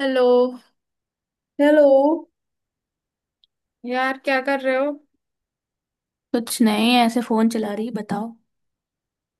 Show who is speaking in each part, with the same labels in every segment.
Speaker 1: Hello.
Speaker 2: Hello.
Speaker 1: यार, क्या कर रहे हो?
Speaker 2: कुछ नहीं ऐसे फोन चला रही बताओ।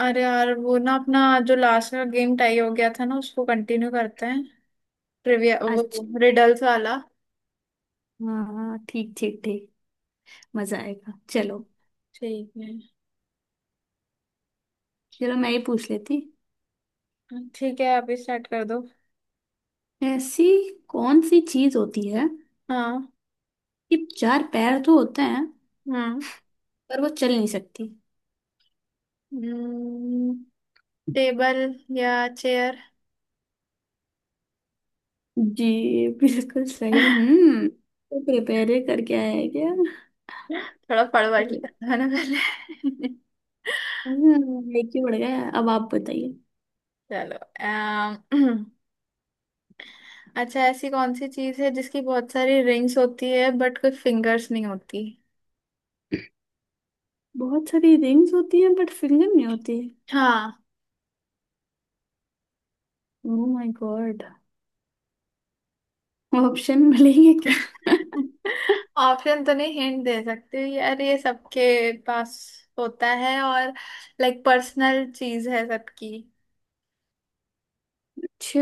Speaker 1: अरे यार, वो ना अपना जो लास्ट का गेम टाई हो गया था ना, उसको कंटिन्यू करते हैं। ट्रिविया वो
Speaker 2: अच्छा।
Speaker 1: रिडल्स वाला।
Speaker 2: हाँ ठीक ठीक ठीक। मजा आएगा चलो।
Speaker 1: ठीक है।
Speaker 2: चलो मैं ये पूछ लेती।
Speaker 1: ठीक है, आप ही स्टार्ट कर दो।
Speaker 2: ऐसी कौन सी चीज होती है
Speaker 1: हाँ।
Speaker 2: कि चार पैर तो होते हैं
Speaker 1: हाँ।
Speaker 2: पर वो चल नहीं सकती।
Speaker 1: टेबल या चेयर?
Speaker 2: जी। बिल्कुल सही। हम्म, तो प्रिपेयर करके आया क्या।
Speaker 1: थोड़ा पढ़ पढ़ लिया था ना पहले।
Speaker 2: लेके बढ़ गया है। अब आप बताइए।
Speaker 1: चलो, अच्छा, ऐसी कौन सी चीज है जिसकी बहुत सारी रिंग्स होती है बट कोई फिंगर्स नहीं होती?
Speaker 2: बहुत सारी रिंग्स होती हैं बट फिंगर नहीं होती।
Speaker 1: हाँ।
Speaker 2: Oh my god. ऑप्शन मिलेंगे क्या
Speaker 1: ऑप्शन तो नहीं, हिंट दे सकते। यार ये सबके पास होता है, और लाइक पर्सनल चीज है सबकी।
Speaker 2: अच्छा।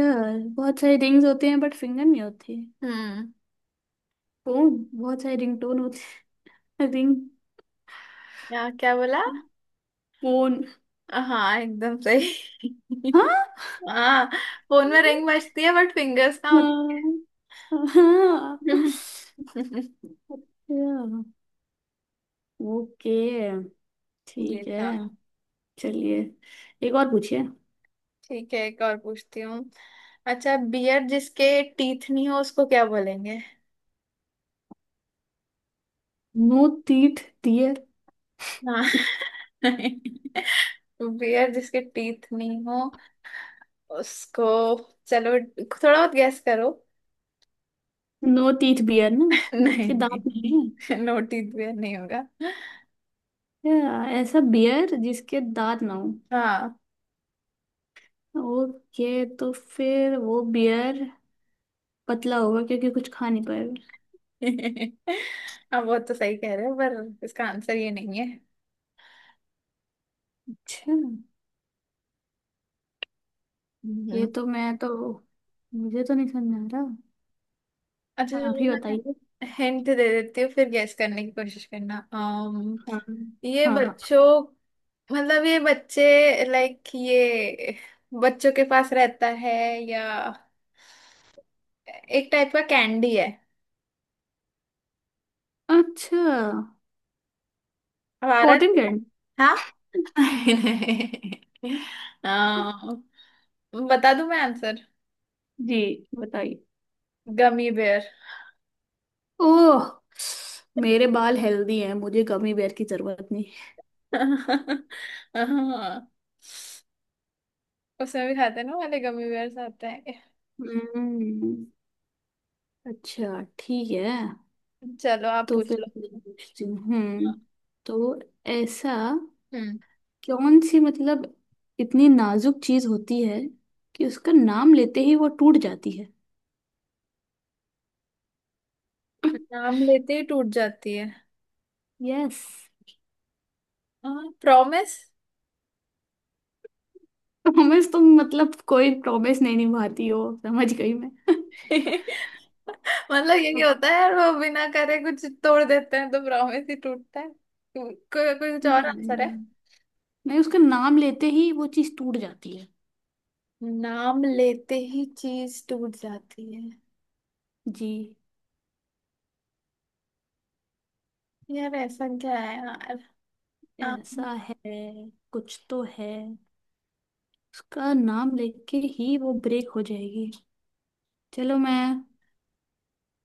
Speaker 2: बहुत सारे रिंग्स होते हैं बट फिंगर नहीं होती।
Speaker 1: हम्म।
Speaker 2: फोन बहुत सारे रिंग टोन होते हैं रिंग।
Speaker 1: यहाँ क्या बोला?
Speaker 2: फोन।
Speaker 1: हाँ, एकदम सही।
Speaker 2: हाँ।
Speaker 1: हाँ, फोन में रिंग बजती है बट फिंगर्स ना होते।
Speaker 2: हाँ। हाँ। अच्छा। ओके।
Speaker 1: ये
Speaker 2: ठीक है।
Speaker 1: था।
Speaker 2: चलिए एक और पूछिए।
Speaker 1: ठीक है, एक और पूछती हूँ। अच्छा, बियर जिसके टीथ नहीं हो उसको क्या बोलेंगे?
Speaker 2: No teeth dear.
Speaker 1: हाँ। बियर जिसके टीथ नहीं हो उसको। चलो थोड़ा बहुत गैस करो।
Speaker 2: नो टीथ बियर ना।
Speaker 1: नहीं
Speaker 2: जिसके दांत नहीं है।
Speaker 1: नहीं, नोटिस भी नहीं होगा।
Speaker 2: क्या ऐसा बियर जिसके दांत ना हो।
Speaker 1: हाँ।
Speaker 2: ओके तो फिर वो बियर पतला होगा क्योंकि कुछ खा नहीं पाएगा।
Speaker 1: अब वो तो सही कह रहे हो, पर इसका आंसर ये नहीं है।
Speaker 2: अच्छा। ये
Speaker 1: हम्म।
Speaker 2: तो मैं तो मुझे तो नहीं समझ आ रहा।
Speaker 1: अच्छा
Speaker 2: हाँ, आप
Speaker 1: चलो,
Speaker 2: ही
Speaker 1: मैं
Speaker 2: बताइए।
Speaker 1: हिंट दे देती हूँ, फिर गैस करने की कोशिश करना। अम
Speaker 2: हाँ।
Speaker 1: ये
Speaker 2: हाँ। हाँ।
Speaker 1: बच्चों, मतलब ये बच्चे, लाइक ये बच्चों के पास रहता है, या एक टाइप का कैंडी है
Speaker 2: अच्छा।
Speaker 1: हमारा।
Speaker 2: Cotton canned.
Speaker 1: हाँ। नहीं। आ, बता दूं मैं आंसर।
Speaker 2: जी बताइए।
Speaker 1: Gummy bear.
Speaker 2: ओह। मेरे बाल हेल्दी हैं मुझे गमी बेर की जरूरत नहीं।
Speaker 1: हाँ, उसमें भी खाते हैं ना वाले गमी बेयर्स आते हैं।
Speaker 2: हम्म। अच्छा ठीक है।
Speaker 1: चलो आप
Speaker 2: तो
Speaker 1: पूछ
Speaker 2: फिर
Speaker 1: लो।
Speaker 2: मैं पूछती हूँ। हम्म, तो ऐसा
Speaker 1: हम्म।
Speaker 2: कौन सी मतलब इतनी नाजुक चीज होती है कि उसका नाम लेते ही वो टूट जाती है
Speaker 1: नाम लेते ही टूट जाती है?
Speaker 2: यस।
Speaker 1: हाँ, प्रॉमिस।
Speaker 2: प्रॉमिस तुम मतलब कोई प्रॉमिस नहीं निभाती हो समझ गई मैं
Speaker 1: मतलब यही
Speaker 2: अब
Speaker 1: होता है, वो बिना करे कुछ तोड़ देते हैं तो प्रॉमिस ही टूटता है। कोई कुछ और
Speaker 2: नहीं,
Speaker 1: आंसर है?
Speaker 2: नहीं उसका नाम लेते ही वो चीज टूट जाती है।
Speaker 1: नाम लेते ही चीज टूट जाती है?
Speaker 2: जी।
Speaker 1: यार ऐसा क्या है यार? हाँ।
Speaker 2: ऐसा है। कुछ तो है। उसका नाम लेके ही वो ब्रेक हो जाएगी। चलो मैं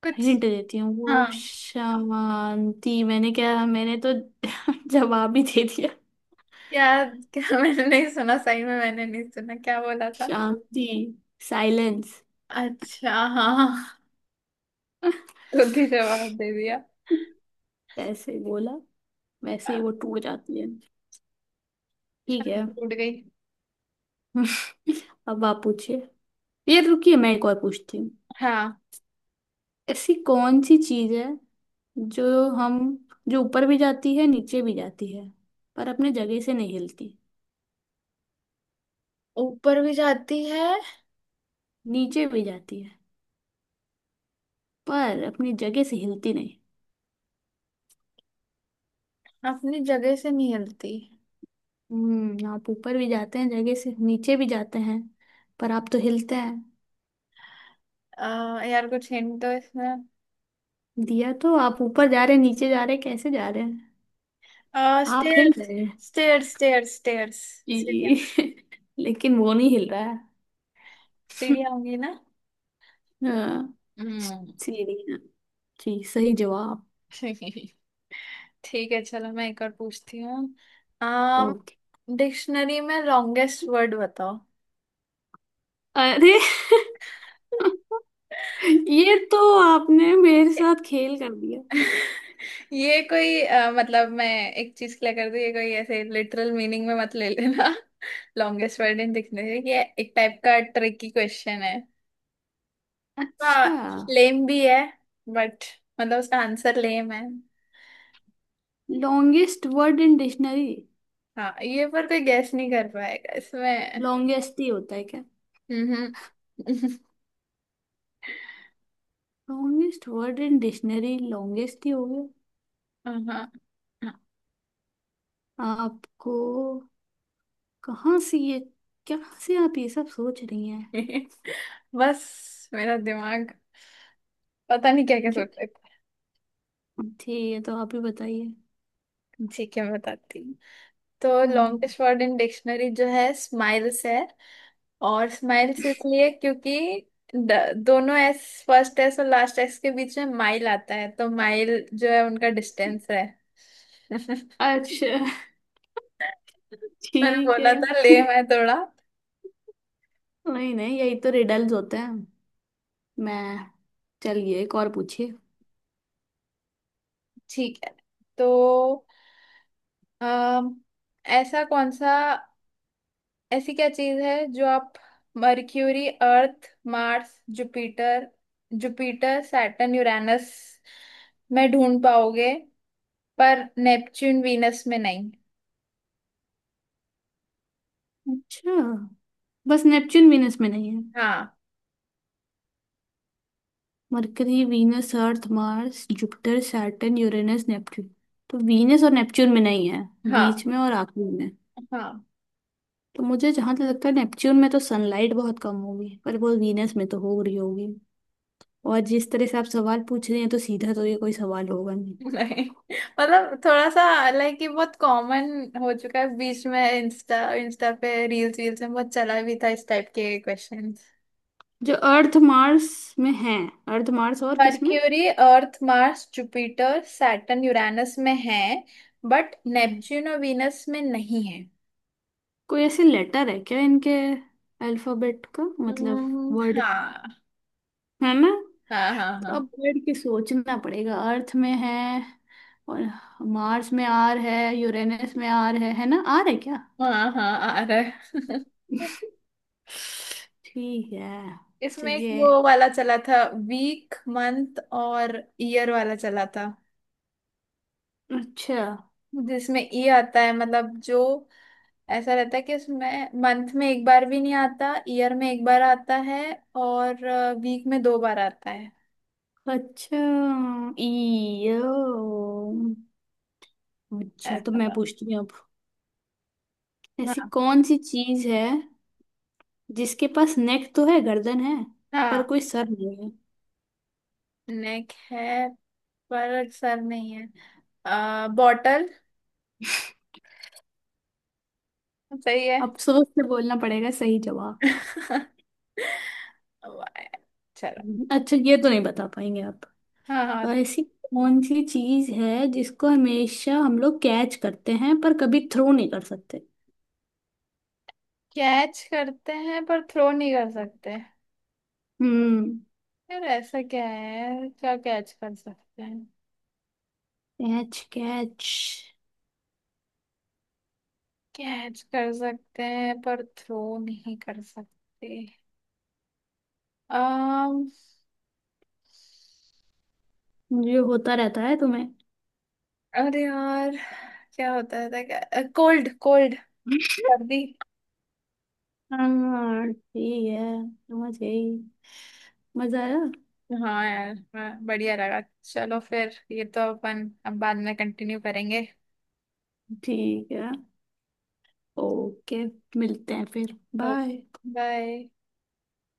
Speaker 1: कुछ।
Speaker 2: हिंट देती हूँ
Speaker 1: हाँ।
Speaker 2: वो शांति। मैंने क्या, मैंने तो जवाब ही दे दिया।
Speaker 1: यार क्या, मैंने नहीं सुना। सही में मैंने नहीं सुना, क्या बोला था?
Speaker 2: शांति। साइलेंस।
Speaker 1: अच्छा। हाँ हाँ, हाँ। खुद ही जवाब दे दिया।
Speaker 2: ऐसे बोला वैसे ही वो टूट जाती है। ठीक है
Speaker 1: शांति टूट गई।
Speaker 2: अब आप पूछिए। ये रुकिए मैं एक और पूछती हूँ।
Speaker 1: हाँ।
Speaker 2: ऐसी कौन सी चीज है जो हम, जो ऊपर भी जाती है नीचे भी जाती है पर अपने जगह से नहीं हिलती।
Speaker 1: ऊपर भी जाती है,
Speaker 2: नीचे भी जाती है पर अपनी जगह से हिलती नहीं।
Speaker 1: अपनी जगह से नहीं हिलती।
Speaker 2: हम्म, आप ऊपर भी जाते हैं जगह से नीचे भी जाते हैं पर आप तो हिलते हैं।
Speaker 1: यार कुछ हिंट दो इसमें।
Speaker 2: दिया तो। आप ऊपर जा रहे हैं नीचे जा रहे हैं कैसे जा रहे हैं, आप हिल
Speaker 1: स्टेयर्स,
Speaker 2: रहे हैं।
Speaker 1: Stairs, stairs, stairs! सीढ़ियाँ!
Speaker 2: जी। लेकिन वो नहीं हिल रहा है।
Speaker 1: सीढ़ियाँ होंगी ना।
Speaker 2: हाँ।
Speaker 1: हम्म।
Speaker 2: सीढ़ी। जी सही जवाब।
Speaker 1: ठीक है, चलो मैं एक और पूछती हूँ। आम
Speaker 2: ओके।
Speaker 1: डिक्शनरी में लॉन्गेस्ट वर्ड बताओ।
Speaker 2: अरे ये तो आपने मेरे साथ खेल कर दिया।
Speaker 1: ये कोई मतलब मैं एक चीज क्लियर कर दूं, ये कोई ऐसे लिटरल मीनिंग में मत ले लेना। लॉन्गेस्ट वर्ड इन दिखने से, ये एक टाइप का ट्रिकी क्वेश्चन है। हाँ।
Speaker 2: अच्छा।
Speaker 1: लेम भी है, बट मतलब उसका आंसर लेम है।
Speaker 2: लॉन्गेस्ट वर्ड इन डिक्शनरी
Speaker 1: हाँ, ये पर कोई गैस नहीं कर पाएगा इसमें।
Speaker 2: लॉन्गेस्ट ही होता है क्या।
Speaker 1: हम्म।
Speaker 2: Longest word in dictionary longest ही हो गया।
Speaker 1: हाँ।
Speaker 2: आपको कहाँ से ये क्या से आप ये सब सोच रही हैं।
Speaker 1: बस मेरा दिमाग पता नहीं क्या क्या
Speaker 2: जो,
Speaker 1: सोच रहा
Speaker 2: ठीक है तो आप ही बताइए।
Speaker 1: था। ठीक है, मैं बताती हूँ। तो
Speaker 2: हम्म।
Speaker 1: लॉन्गेस्ट वर्ड इन डिक्शनरी जो है, स्माइल्स है। और स्माइल्स इसलिए क्योंकि दोनों एस, फर्स्ट एस और लास्ट एस के बीच में माइल आता है, तो माइल जो है उनका डिस्टेंस है।
Speaker 2: अच्छा
Speaker 1: मैंने
Speaker 2: ठीक
Speaker 1: बोला
Speaker 2: है।
Speaker 1: था ले, मैं थोड़ा।
Speaker 2: नहीं नहीं यही तो रिडल्स होते हैं। मैं, चलिए एक और पूछिए।
Speaker 1: ठीक है, तो अम, ऐसा कौन सा ऐसी क्या चीज है जो आप Mercury, Earth, Mars, Jupiter Jupiter, Saturn, Uranus में ढूंढ पाओगे, पर नेपच्यून वीनस में नहीं।
Speaker 2: अच्छा। बस नेपच्यून वीनस में नहीं है।
Speaker 1: हाँ।
Speaker 2: Mercury Venus Earth Mars Jupiter Saturn Uranus Neptune, तो वीनस और नेपच्यून में नहीं है। बीच
Speaker 1: हाँ।
Speaker 2: में और आखिरी में।
Speaker 1: हाँ,
Speaker 2: तो मुझे जहां तक लगता है नेपच्यून में तो सनलाइट बहुत कम होगी पर वो वीनस में तो हो रही होगी। और जिस तरह से आप सवाल पूछ रहे हैं तो सीधा तो ये कोई सवाल होगा नहीं।
Speaker 1: नहीं मतलब थोड़ा सा, लाइक ये बहुत कॉमन हो चुका है। बीच में इंस्टा इंस्टा पे रील्स वील्स में बहुत चला भी था, इस टाइप के क्वेश्चंस।
Speaker 2: जो अर्थ मार्स में है। अर्थ मार्स और किस में।
Speaker 1: Mercury, Earth, Mars, Jupiter, Saturn, Uranus में है, बट नेपच्यून और वीनस में नहीं है।
Speaker 2: कोई ऐसे लेटर है क्या इनके अल्फाबेट का मतलब
Speaker 1: हम्म।
Speaker 2: वर्ड,
Speaker 1: हाँ,
Speaker 2: है ना।
Speaker 1: हाँ, हाँ,
Speaker 2: अब
Speaker 1: हाँ,
Speaker 2: बैठ के सोचना पड़ेगा। अर्थ में है और मार्स में आर है यूरेनस में आर है ना आर है क्या।
Speaker 1: हाँ, हाँ, आ रहा है।
Speaker 2: ठीक है।
Speaker 1: इसमें एक
Speaker 2: चलिए।
Speaker 1: वो वाला चला था, वीक मंथ और ईयर वाला चला था।
Speaker 2: अच्छा।
Speaker 1: जिसमें ई आता है, मतलब जो ऐसा रहता है कि उसमें मंथ में एक बार भी नहीं आता, ईयर में एक बार आता है, और वीक में 2 बार आता है।
Speaker 2: अच्छा ई। अच्छा तो
Speaker 1: ऐसा
Speaker 2: मैं
Speaker 1: था।
Speaker 2: पूछती हूँ अब। ऐसी
Speaker 1: हाँ।
Speaker 2: कौन सी चीज है जिसके पास नेक तो है गर्दन है पर
Speaker 1: हाँ,
Speaker 2: कोई सर नहीं है।
Speaker 1: नेक है पर सर नहीं है। बॉटल। सही है।
Speaker 2: अब सोच के बोलना पड़ेगा सही जवाब।
Speaker 1: वाह, चलो।
Speaker 2: अच्छा ये तो नहीं बता पाएंगे आप।
Speaker 1: हाँ।
Speaker 2: और
Speaker 1: हाँ,
Speaker 2: ऐसी कौन सी चीज है जिसको हमेशा हम लोग कैच करते हैं पर कभी थ्रो नहीं कर सकते।
Speaker 1: कैच करते हैं पर थ्रो नहीं कर सकते?
Speaker 2: हम्म।
Speaker 1: यार ऐसा क्या है, क्या कैच कर सकते हैं?
Speaker 2: कैच कैच
Speaker 1: कैच कर सकते हैं पर थ्रो नहीं कर सकते।
Speaker 2: जो होता रहता है तुम्हें।
Speaker 1: अरे यार, क्या होता है था क्या? कोल्ड! कोल्ड! सर्दी।
Speaker 2: हाँ ठीक है समझ गई। मजा आया।
Speaker 1: हाँ यार, हाँ, बढ़िया लगा। चलो फिर, ये तो अपन अब बाद में कंटिन्यू करेंगे।
Speaker 2: ठीक है। ओके। मिलते हैं फिर। बाय।
Speaker 1: बाय।